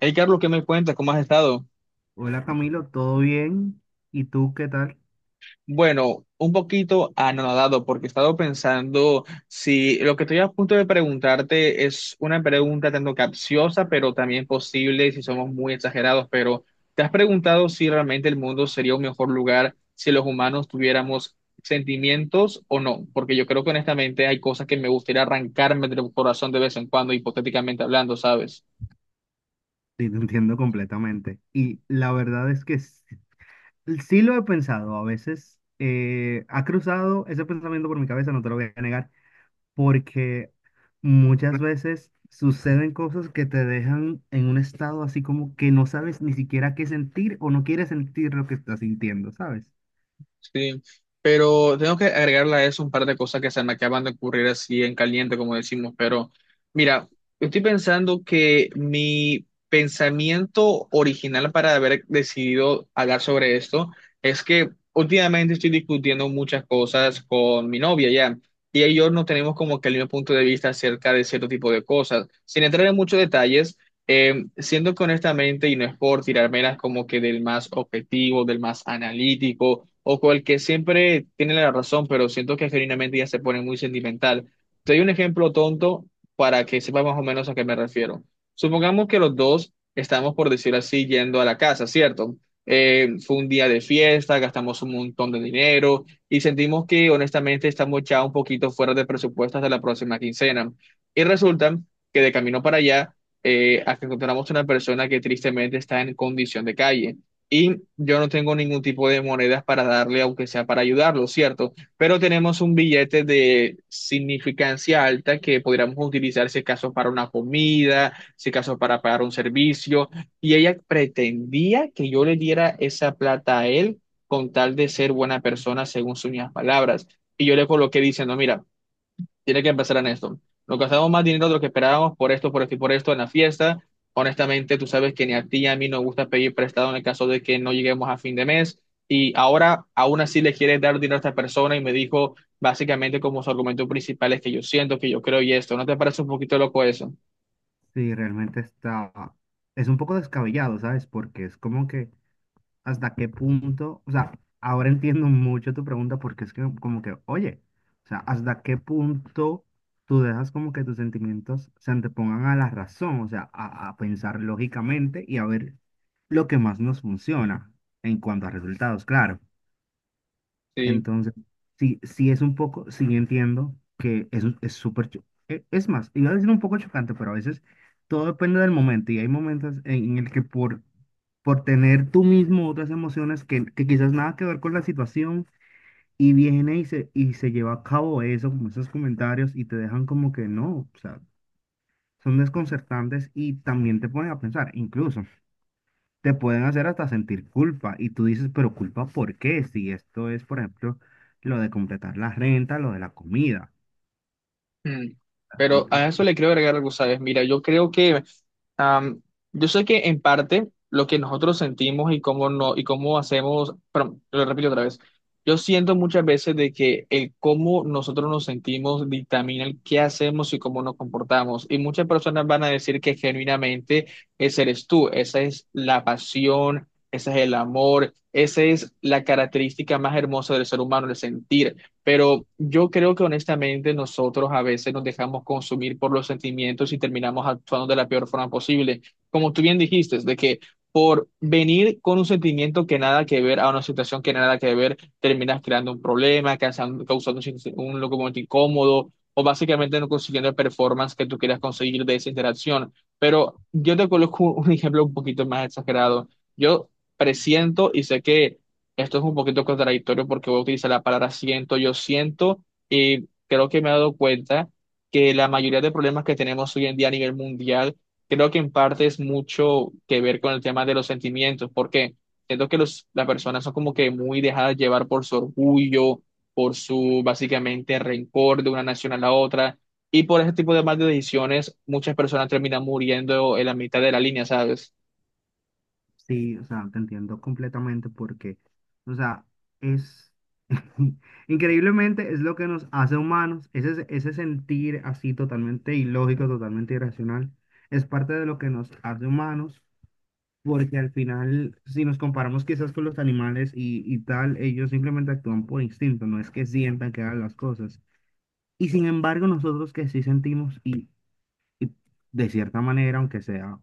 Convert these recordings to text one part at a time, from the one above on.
Hey, Carlos, ¿qué me cuentas? ¿Cómo has estado? Hola Camilo, ¿todo bien? ¿Y tú qué tal? Bueno, un poquito anonadado porque he estado pensando si lo que estoy a punto de preguntarte es una pregunta tanto capciosa, pero también posible si somos muy exagerados, pero ¿te has preguntado si realmente el mundo sería un mejor lugar si los humanos tuviéramos sentimientos o no? Porque yo creo que honestamente hay cosas que me gustaría arrancarme del corazón de vez en cuando, hipotéticamente hablando, ¿sabes? Sí, te entiendo completamente. Y la verdad es que sí, sí lo he pensado. A veces ha cruzado ese pensamiento por mi cabeza, no te lo voy a negar, porque muchas veces suceden cosas que te dejan en un estado así como que no sabes ni siquiera qué sentir o no quieres sentir lo que estás sintiendo, ¿sabes? Sí, pero tengo que agregarle a eso un par de cosas que se me acaban de ocurrir así en caliente, como decimos, pero mira, estoy pensando que mi pensamiento original para haber decidido hablar sobre esto es que últimamente estoy discutiendo muchas cosas con mi novia ya, y ellos no tenemos como que el mismo punto de vista acerca de cierto tipo de cosas, sin entrar en muchos detalles. Siendo que honestamente, y no es por tirármelas como que del más objetivo, del más analítico, o con el que siempre tiene la razón, pero siento que genuinamente ya se pone muy sentimental. Te doy un ejemplo tonto para que sepas más o menos a qué me refiero. Supongamos que los dos estamos, por decirlo así, yendo a la casa, ¿cierto? Fue un día de fiesta, gastamos un montón de dinero y sentimos que honestamente estamos ya un poquito fuera de presupuesto hasta la próxima quincena. Y resulta que de camino para allá, a que encontramos una persona que tristemente está en condición de calle. Y yo no tengo ningún tipo de monedas para darle, aunque sea para ayudarlo, ¿cierto? Pero tenemos un billete de significancia alta que podríamos utilizar si acaso para una comida, si acaso para pagar un servicio. Y ella pretendía que yo le diera esa plata a él con tal de ser buena persona, según sus mismas palabras. Y yo le coloqué diciendo, mira, tiene que empezar en esto. Nos gastamos más dinero de lo que esperábamos por esto y por esto en la fiesta. Honestamente, tú sabes que ni a ti ni a mí nos gusta pedir prestado en el caso de que no lleguemos a fin de mes. Y ahora, aún así, le quieres dar dinero a esta persona y me dijo básicamente como su argumento principal es que yo siento, que yo creo y esto. ¿No te parece un poquito loco eso? Sí, realmente está... Es un poco descabellado, ¿sabes? Porque es como que... hasta qué punto, o sea, ahora entiendo mucho tu pregunta porque es que como que, oye, o sea, hasta qué punto tú dejas como que tus sentimientos se antepongan a la razón, o sea, a pensar lógicamente y a ver lo que más nos funciona en cuanto a resultados, claro. Sí. Entonces, sí, sí es un poco, sí entiendo que es es súper, es más, iba a decir un poco chocante, pero a veces todo depende del momento y hay momentos en el que por tener tú mismo otras emociones que quizás nada que ver con la situación y viene y y se lleva a cabo eso, como esos comentarios y te dejan como que no, o sea, son desconcertantes y también te ponen a pensar, incluso te pueden hacer hasta sentir culpa y tú dices, pero culpa ¿por qué? Si esto es, por ejemplo, lo de completar la renta, lo de la comida. Mm. Pero a eso le quiero agregar algo, ¿sabes? Mira, yo creo que, am, yo sé que en parte lo que nosotros sentimos y cómo no, y cómo hacemos, perdón, lo repito otra vez, yo siento muchas veces de que el cómo nosotros nos sentimos dictamina el qué hacemos y cómo nos comportamos. Y muchas personas van a decir que genuinamente ese eres tú, esa es la pasión, ese es el amor, esa es la característica más hermosa del ser humano, el sentir. Pero yo creo que honestamente nosotros a veces nos dejamos consumir por los sentimientos y terminamos actuando de la peor forma posible. Como tú bien dijiste, de que por venir con un sentimiento que nada que ver a una situación que nada que ver, terminas creando un problema, causando, un, un momento incómodo o básicamente no consiguiendo el performance que tú quieras conseguir de esa interacción. Pero yo te coloco un ejemplo un poquito más exagerado. Yo presiento y sé que esto es un poquito contradictorio porque voy a utilizar la palabra siento, yo siento, y creo que me he dado cuenta que la mayoría de problemas que tenemos hoy en día a nivel mundial, creo que en parte es mucho que ver con el tema de los sentimientos, porque siento que las personas son como que muy dejadas llevar por su orgullo, por su básicamente rencor de una nación a la otra, y por ese tipo de malas decisiones muchas personas terminan muriendo en la mitad de la línea, ¿sabes? Sí, o sea, te entiendo completamente porque, o sea, es increíblemente es lo que nos hace humanos, ese sentir así totalmente ilógico, totalmente irracional, es parte de lo que nos hace humanos, porque al final, si nos comparamos quizás con los animales y tal, ellos simplemente actúan por instinto, no es que sientan que hagan las cosas. Y sin embargo, nosotros que sí sentimos y de cierta manera, aunque sea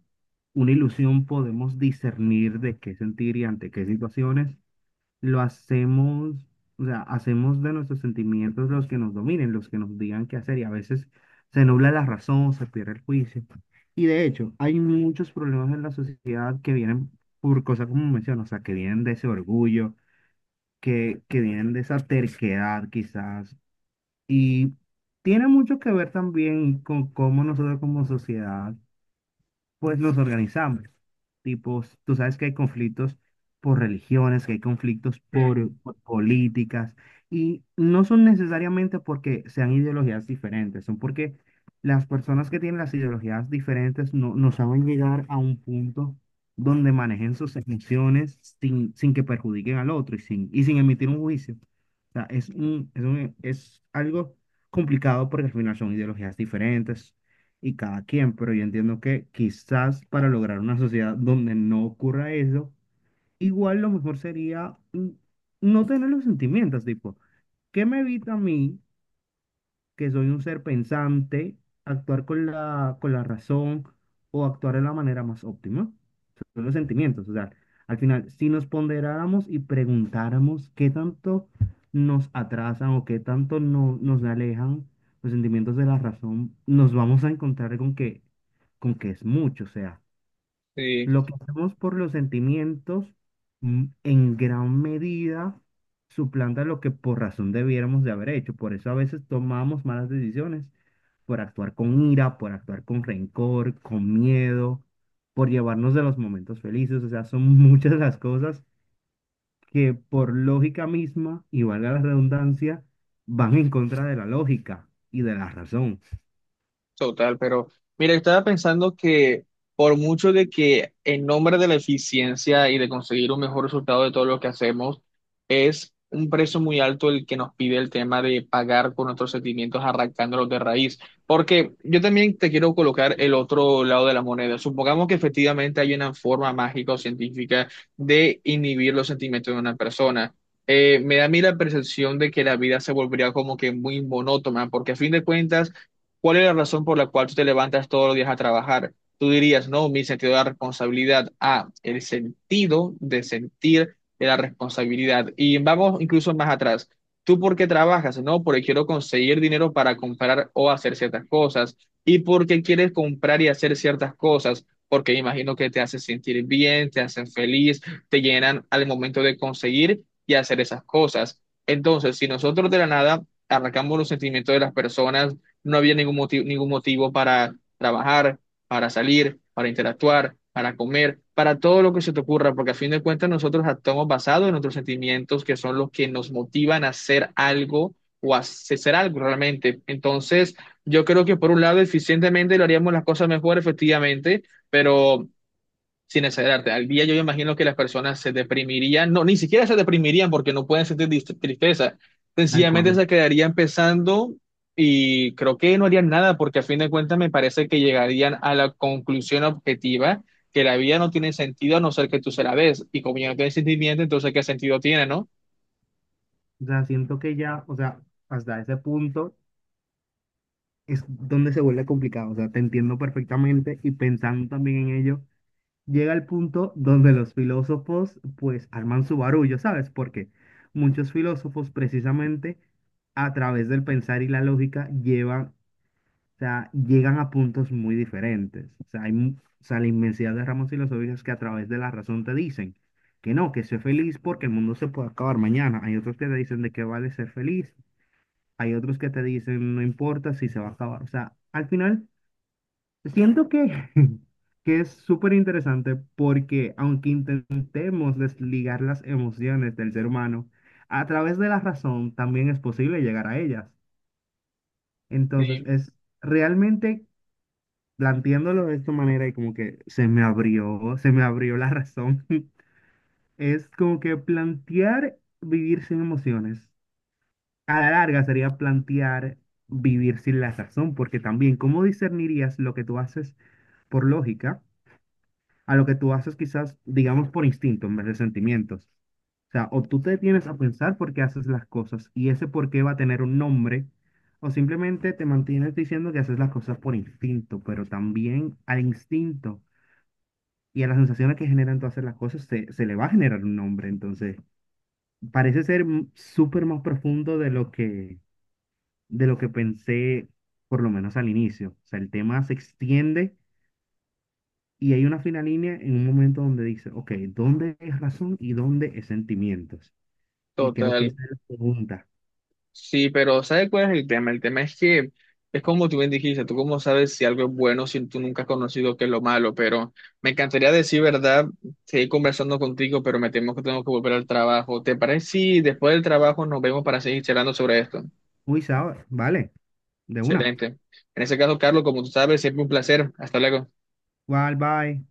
una ilusión, podemos discernir de qué sentir y ante qué situaciones lo hacemos, o sea, hacemos de nuestros sentimientos los que nos dominen, los que nos digan qué hacer y a veces se nubla la razón, se pierde el juicio. Y de hecho, hay muchos problemas en la sociedad que vienen por cosas como menciono, o sea, que vienen de ese orgullo, que vienen de esa terquedad quizás. Y tiene mucho que ver también con cómo nosotros como sociedad pues los organizamos. Tipos, tú sabes que hay conflictos por religiones, que hay conflictos Mm, por políticas, y no son necesariamente porque sean ideologías diferentes, son porque las personas que tienen las ideologías diferentes no saben llegar a un punto donde manejen sus emociones sin que perjudiquen al otro y sin emitir un juicio. O sea, es es algo complicado porque al final son ideologías diferentes, y cada quien, pero yo entiendo que quizás para lograr una sociedad donde no ocurra eso, igual lo mejor sería no tener los sentimientos, tipo, ¿qué me evita a mí, que soy un ser pensante, actuar con con la razón o actuar de la manera más óptima? Los sentimientos. O sea, al final, si nos ponderáramos y preguntáramos qué tanto nos atrasan o qué tanto no, nos alejan los sentimientos de la razón, nos vamos a encontrar con que es mucho. O sea, sí. lo que hacemos por los sentimientos en gran medida suplanta lo que por razón debiéramos de haber hecho. Por eso a veces tomamos malas decisiones, por actuar con ira, por actuar con rencor, con miedo, por llevarnos de los momentos felices. O sea, son muchas las cosas que por lógica misma, y valga la redundancia, van en contra de la lógica y de la razón, Total, pero mira, estaba pensando que por mucho de que en nombre de la eficiencia y de conseguir un mejor resultado de todo lo que hacemos, es un precio muy alto el que nos pide el tema de pagar con nuestros sentimientos arrancándolos de raíz. Porque yo también te quiero colocar el otro lado de la moneda. Supongamos que efectivamente hay una forma mágica o científica de inhibir los sentimientos de una persona. Me da a mí la percepción de que la vida se volvería como que muy monótona, porque a fin de cuentas, ¿cuál es la razón por la cual tú te levantas todos los días a trabajar? Tú dirías, no, mi sentido de la responsabilidad. Ah, el sentido de sentir de la responsabilidad. Y vamos incluso más atrás. ¿Tú por qué trabajas? No, porque quiero conseguir dinero para comprar o hacer ciertas cosas. ¿Y por qué quieres comprar y hacer ciertas cosas? Porque imagino que te hace sentir bien, te hacen feliz, te llenan al momento de conseguir y hacer esas cosas. Entonces, si nosotros de la nada arrancamos los sentimientos de las personas, no había ningún motivo para trabajar, para salir, para interactuar, para comer, para todo lo que se te ocurra, porque a fin de cuentas nosotros actuamos basados en nuestros sentimientos que son los que nos motivan a hacer algo o a hacer algo realmente. Entonces, yo creo que por un lado eficientemente lo haríamos las cosas mejor, efectivamente, pero sin exagerarte, al día yo imagino que las personas se deprimirían, no, ni siquiera se deprimirían porque no pueden sentir tristeza, tal sencillamente cual. se quedarían pensando y creo que no harían nada porque a fin de cuentas me parece que llegarían a la conclusión objetiva que la vida no tiene sentido a no ser que tú se la des y como ya no tiene sentimiento, entonces ¿qué sentido tiene, no? O sea, siento que ya, o sea, hasta ese punto es donde se vuelve complicado. O sea, te entiendo perfectamente y pensando también en ello, llega el punto donde los filósofos pues arman su barullo, ¿sabes? Porque muchos filósofos precisamente a través del pensar y la lógica llevan, o sea, llegan a puntos muy diferentes. O sea, o sea, la inmensidad de ramas filosóficas que a través de la razón te dicen que no, que sé feliz porque el mundo se puede acabar mañana. Hay otros que te dicen de qué vale ser feliz. Hay otros que te dicen, no importa si se va a acabar. O sea, al final siento que, que es súper interesante porque aunque intentemos desligar las emociones del ser humano, a través de la razón también es posible llegar a ellas. Entonces, Sí, es realmente planteándolo de esta manera y como que se me abrió la razón, es como que plantear vivir sin emociones. A la larga sería plantear vivir sin la razón, porque también, ¿cómo discernirías lo que tú haces por lógica? A lo que tú haces quizás, digamos, por instinto en vez de sentimientos. O sea, o tú te detienes a pensar por qué haces las cosas y ese por qué va a tener un nombre, o simplemente te mantienes diciendo que haces las cosas por instinto, pero también al instinto y a las sensaciones que generan tú hacer las cosas se le va a generar un nombre. Entonces, parece ser súper más profundo de lo que pensé, por lo menos al inicio. O sea, el tema se extiende y hay una fina línea en un momento donde dice, ok, ¿dónde es razón y dónde es sentimientos? Y creo que total. esa es la pregunta. Sí, pero ¿sabes cuál es el tema? El tema es que es como tú bien dijiste, tú cómo sabes si algo es bueno si tú nunca has conocido qué es lo malo, pero me encantaría decir verdad, seguir conversando contigo, pero me temo que tengo que volver al trabajo. ¿Te parece si después del trabajo nos vemos para seguir charlando sobre esto? Uy, ¿sabes? Vale, de una. Excelente. En ese caso, Carlos, como tú sabes, siempre un placer. Hasta luego. Bye, bye.